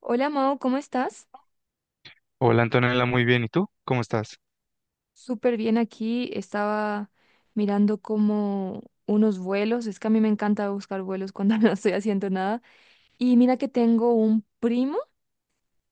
Hola Mao, ¿cómo estás? Hola Antonella, muy bien. ¿Y tú? ¿Cómo estás? Súper bien aquí. Estaba mirando como unos vuelos. Es que a mí me encanta buscar vuelos cuando no estoy haciendo nada. Y mira que tengo un primo.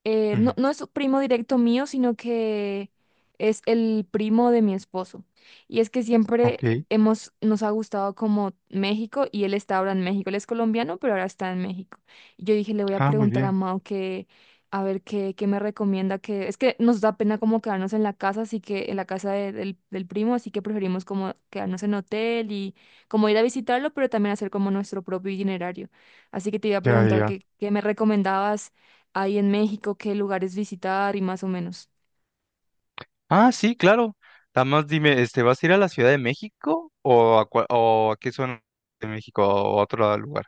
No, Ujú. no es primo directo mío, sino que es el primo de mi esposo. Y es que siempre Ok. Nos ha gustado como México y él está ahora en México. Él es colombiano, pero ahora está en México. Y yo dije, le voy a Ah, muy preguntar a bien. Mao que, a ver qué me recomienda, que es que nos da pena como quedarnos en la casa, así que en la casa del primo, así que preferimos como quedarnos en hotel y como ir a visitarlo, pero también hacer como nuestro propio itinerario. Así que te iba a Ya, preguntar ya. que, qué me recomendabas hay en México, qué lugares visitar y más o menos. Ah, sí, claro. Nada más dime, este, ¿vas a ir a la Ciudad de México o a qué zona de México o a otro lugar?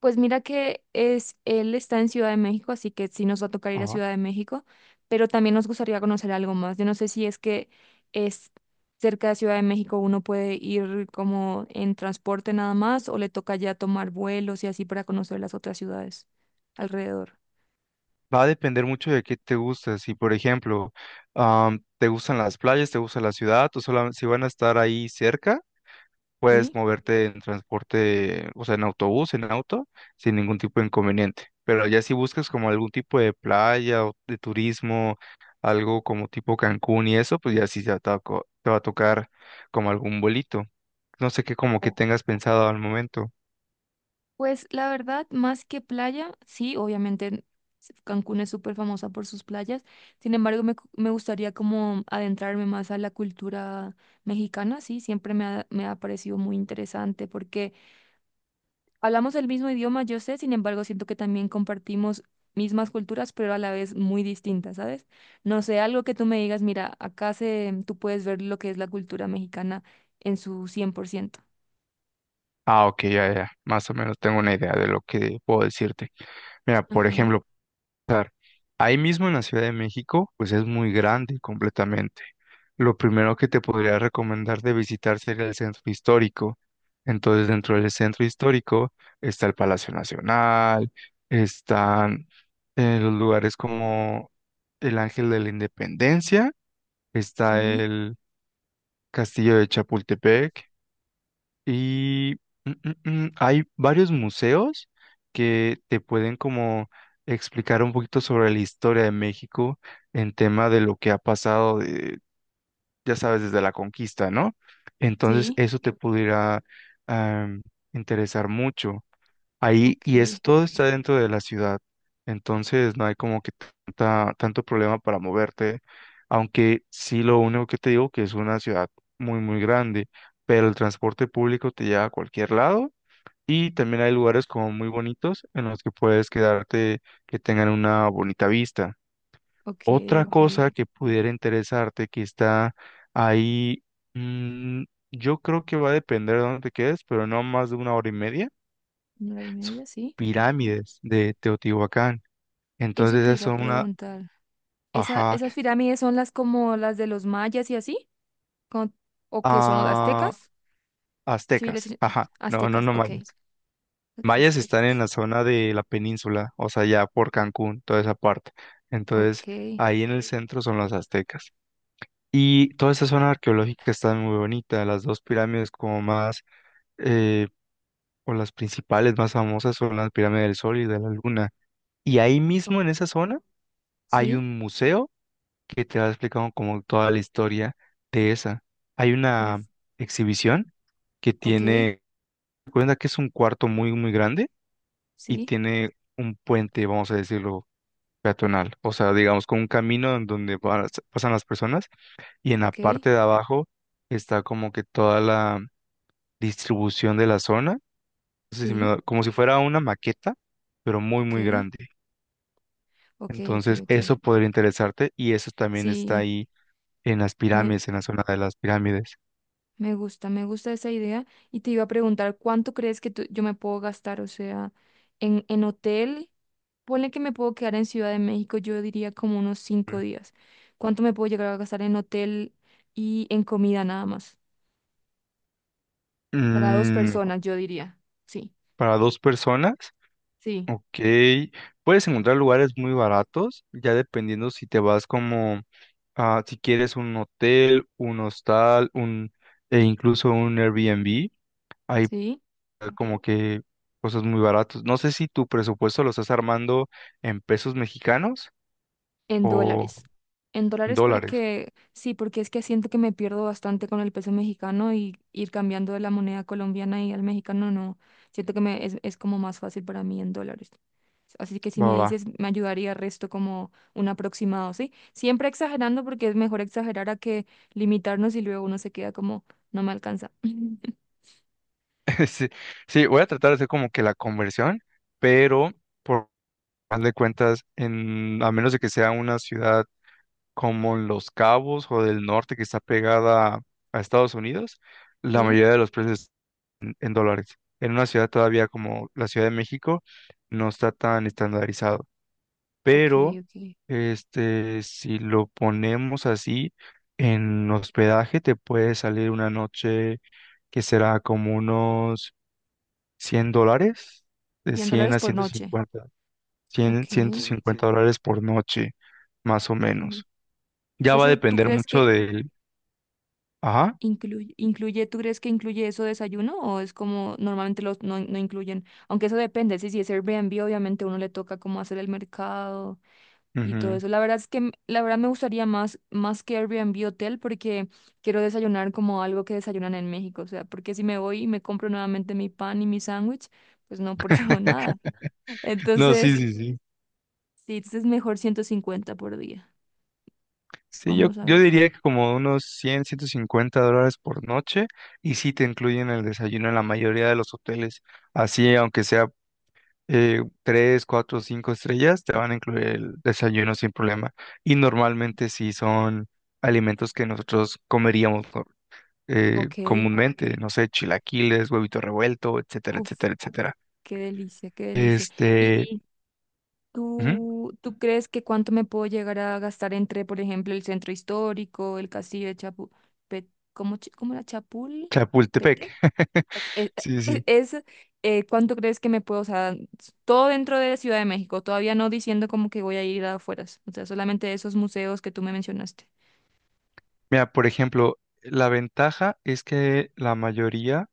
Pues mira que él está en Ciudad de México, así que sí nos va a tocar ir a Ajá. Ciudad de México, pero también nos gustaría conocer algo más. Yo no sé si es que es cerca de Ciudad de México, uno puede ir como en transporte nada más o le toca ya tomar vuelos y así para conocer las otras ciudades alrededor. Va a depender mucho de qué te gusta. Si, por ejemplo, te gustan las playas, te gusta la ciudad, si van a estar ahí cerca. Puedes ¿Sí? moverte en transporte, o sea, en autobús, en auto, sin ningún tipo de inconveniente. Pero ya si buscas como algún tipo de playa o de turismo, algo como tipo Cancún y eso, pues ya sí ya te va a tocar como algún vuelito. No sé qué como que tengas pensado al momento. Pues la verdad, más que playa, sí, obviamente Cancún es súper famosa por sus playas. Sin embargo, me gustaría como adentrarme más a la cultura mexicana, sí, siempre me ha parecido muy interesante porque hablamos el mismo idioma, yo sé, sin embargo, siento que también compartimos mismas culturas, pero a la vez muy distintas, ¿sabes? No sé, algo que tú me digas, mira, tú puedes ver lo que es la cultura mexicana en su 100%. Ah, ok, ya, ya, más o menos tengo una idea de lo que puedo decirte. Mira, por Ajá. ejemplo. Claro. Ahí mismo en la Ciudad de México, pues es muy grande completamente. Lo primero que te podría recomendar de visitar sería el centro histórico. Entonces, dentro del centro histórico está el Palacio Nacional, están los lugares como el Ángel de la Independencia, está Sí, el Castillo de Chapultepec, y mm, hay varios museos que te pueden como explicar un poquito sobre la historia de México en tema de lo que ha pasado, ya sabes, desde la conquista, ¿no? Entonces sí, eso te pudiera am, interesar mucho. Ahí, y ok. es, todo está dentro de la ciudad, entonces no hay como que tanta, tanto problema para moverte, aunque sí lo único que te digo que es una ciudad muy, muy grande, pero el transporte público te lleva a cualquier lado y también hay lugares como muy bonitos en los que puedes quedarte que tengan una bonita vista. Ok, Otra ok, ok. cosa que pudiera interesarte que está ahí, mm, yo creo que va a depender de dónde te quedes, pero no más de una hora y media Una hora y sus media, sí. pirámides de Teotihuacán. Eso Entonces te esas iba a son una, preguntar. ¿Esa, ajá, esas pirámides son las como las de los mayas y así? Con- ¿O que son los ah, aztecas? Civiles aztecas, ajá, no, no, aztecas, no ok. mayas. Mayas están en Aztecas, la zona de la península, o sea, ya por Cancún, toda esa parte. Entonces ok. ahí en el centro son los aztecas. Y toda esa zona arqueológica está muy bonita. Las dos pirámides como más, eh, o las principales más famosas son las pirámides del Sol y de la Luna. Y ahí Oh, mismo en esa zona hay sí, un museo que te va explicando como toda la historia de esa. Hay uf, una exhibición que ok, tiene, cuenta que es un cuarto muy, muy grande y sí, tiene un puente, vamos a decirlo, peatonal, o sea, digamos, con un camino en donde pasan las personas y en la ok, parte de abajo está como que toda la distribución de la zona, no sé si sí, como si fuera una maqueta, pero muy, ok, muy grande. ok, ok, Entonces, ok. eso podría interesarte y eso también está Sí, ahí en las me, pirámides, en la zona de las pirámides. me gusta, me gusta esa idea. Y te iba a preguntar, ¿cuánto crees que yo me puedo gastar? O sea, en hotel, ponle que me puedo quedar en Ciudad de México, yo diría como unos 5 días. ¿Cuánto me puedo llegar a gastar en hotel y en comida nada más? Para dos Mm, personas, yo diría. Sí, para dos personas, sí, ok. Puedes encontrar lugares muy baratos, ya dependiendo si te vas como, si quieres un hotel, un hostal, e incluso un Airbnb. Hay sí. como que cosas muy baratas. No sé si tu presupuesto lo estás armando en pesos mexicanos En o dólares. En dólares dólares. porque sí, porque es que siento que me pierdo bastante con el peso mexicano y ir cambiando de la moneda colombiana y al mexicano no. Siento que es como más fácil para mí en dólares. Así que si Va, me va. dices, me ayudaría el resto como un aproximado, ¿sí? Siempre exagerando porque es mejor exagerar a que limitarnos y luego uno se queda como, no me alcanza. Sí, sí, voy a tratar de hacer como que la conversión, pero por más de cuentas, a menos de que sea una ciudad como Los Cabos o del norte que está pegada a Estados Unidos, la ¿Sí? mayoría de los precios en dólares. En una ciudad todavía como la Ciudad de México no está tan estandarizado, Ok, pero ok. este si lo ponemos así en hospedaje te puede salir una noche que será como unos $100, de 100 100 dólares a por ciento noche. cincuenta 100 Ok. ciento Ujú. cincuenta dólares por noche, más o Mm. menos. Ya va a ¿Eso tú depender crees mucho que del, ajá. Incluye, incluye, ¿tú crees que incluye eso desayuno o es como normalmente los no, no incluyen? Aunque eso depende, si es Airbnb, obviamente uno le toca como hacer el mercado y todo Ujú. eso. La verdad me gustaría más que Airbnb hotel porque quiero desayunar como algo que desayunan en México. O sea, porque si me voy y me compro nuevamente mi pan y mi sándwich, pues no pruebo nada. No, no, sí, Entonces, sí, sí. sí, es mejor 150 por día. Sí, yo, Vamos a yo ver. diría que como unos cien $150 por noche y sí te incluyen el desayuno en la mayoría de los hoteles. Así, aunque sea 3, 4, 5 estrellas, te van a incluir el desayuno sin problema. Y normalmente sí son alimentos que nosotros comeríamos Ok, comúnmente, pero, no sé, chilaquiles, huevito revuelto, etcétera, uf, etcétera, etcétera. qué delicia, qué delicia. Este, ujú, ¿Tú crees que cuánto me puedo llegar a gastar entre, por ejemplo, el centro histórico, el castillo de. ¿Cómo era Chapul? Chapultepec. ¿Petec? Eh, Sí, eh, sí. Es, ¿Cuánto crees que me puedo, o sea, todo dentro de Ciudad de México, todavía no diciendo como que voy a ir afuera, o sea, solamente esos museos que tú me mencionaste. Mira, por ejemplo, la ventaja es que la mayoría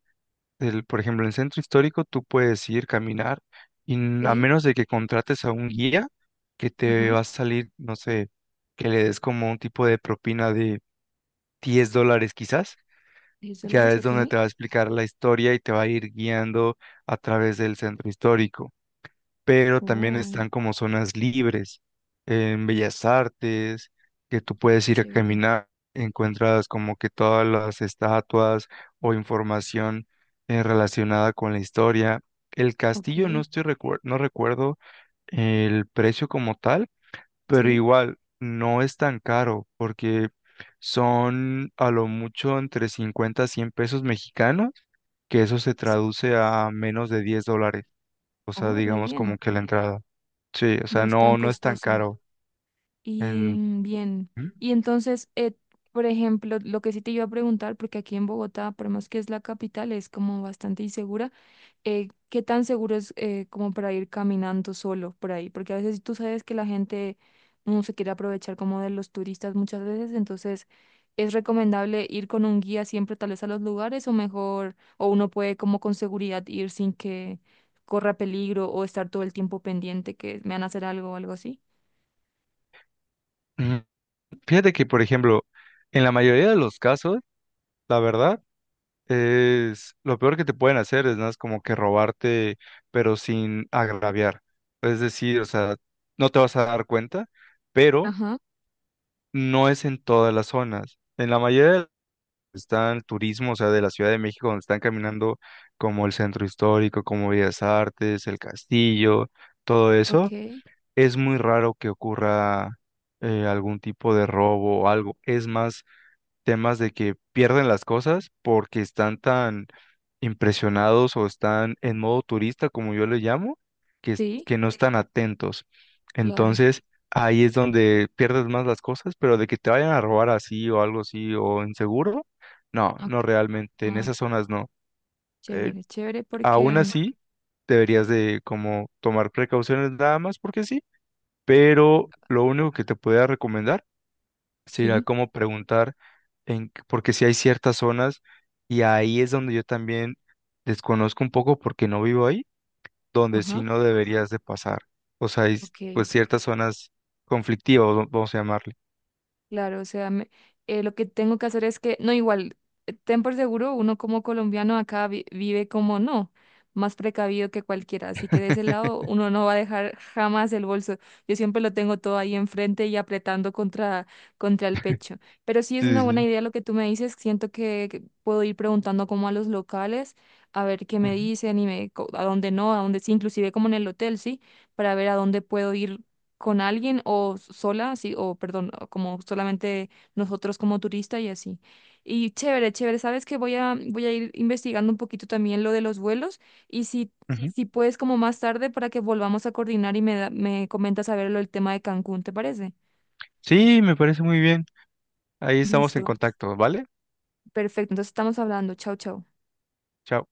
por ejemplo, en el centro histórico tú puedes ir caminar y a Sí, menos de que contrates a un guía que te ajá, va a salir, no sé, que le des como un tipo de propina de $10 quizás, diez ya dólares, es ok. donde te va a explicar la historia y te va a ir guiando a través del centro histórico, pero también Oh, están como zonas libres en Bellas Artes, que tú qué puedes ir a chévere, caminar, encuentras como que todas las estatuas o información relacionada con la historia. El castillo ok, no recuerdo el precio como tal, pero sí. igual no es tan caro porque son a lo mucho entre 50 a 100 pesos mexicanos, que eso se se- traduce a menos de $10, o sea, Oh, re digamos bien, como que la entrada. Sí, o no sea, es tan no, no es tan costosa. caro. Y En- bien, y entonces, por ejemplo, lo que sí te iba a preguntar, porque aquí en Bogotá, por más que es la capital, es como bastante insegura, ¿qué tan seguro es como para ir caminando solo por ahí? Porque a veces tú sabes que la gente no se quiere aprovechar como de los turistas muchas veces, entonces es recomendable ir con un guía siempre tal vez a los lugares o mejor, o uno puede como con seguridad ir sin que corra peligro o estar todo el tiempo pendiente que me van a hacer algo o algo así. Mm, Fíjate que, por ejemplo, en la mayoría de los casos, la verdad, es lo peor que te pueden hacer es nada más como que robarte, pero sin agraviar. Es decir, o sea, no te vas a dar cuenta, pero Ajá, no es en todas las zonas. En la mayoría de las está el turismo, o sea, de la Ciudad de México, donde están caminando como el centro histórico, como Bellas Artes, el castillo, todo ok. eso. Es muy raro que ocurra algún tipo de robo o algo. Es más, temas de que pierden las cosas porque están tan impresionados o están en modo turista, como yo le llamo, que, es- Sí, que no están atentos. claro. Entonces, ahí es donde pierdes más las cosas, pero de que te vayan a robar así o algo así o inseguro, no, Ok. no realmente, en Ah, esas zonas no. Eh, chévere, chévere Aún porque así, deberías de como tomar precauciones nada más porque sí, pero lo único que te podría recomendar sería sí, como preguntar, porque si hay ciertas zonas, y ahí es donde yo también desconozco un poco porque no vivo ahí, donde sí ajá, no deberías de pasar. O sea, hay pues ok. ciertas zonas conflictivas, o vamos a llamarle. Claro, o sea, lo que tengo que hacer es que, no, igual, ten por seguro, uno como colombiano acá vive como no, más precavido que cualquiera, así que de ese lado uno no va a dejar jamás el bolso. Yo siempre lo tengo todo ahí enfrente y apretando contra el pecho. Pero sí es una Sí, sí, buena sí. idea lo que tú me dices, siento que puedo ir preguntando como a los locales, a ver qué me Ujú, dicen y a dónde no, a dónde sí, inclusive como en el hotel, ¿sí? Para ver a dónde puedo ir con alguien o sola, así, o perdón, o como solamente nosotros como turista y así. Y chévere, chévere, sabes que voy a ir investigando un poquito también lo de los vuelos y si, ujú. si puedes como más tarde para que volvamos a coordinar y me comentas a ver lo del tema de Cancún, ¿te parece? Sí, me parece muy bien. Ahí estamos en Listo, contacto, ¿vale? perfecto, entonces estamos hablando, chao, chao. Chao.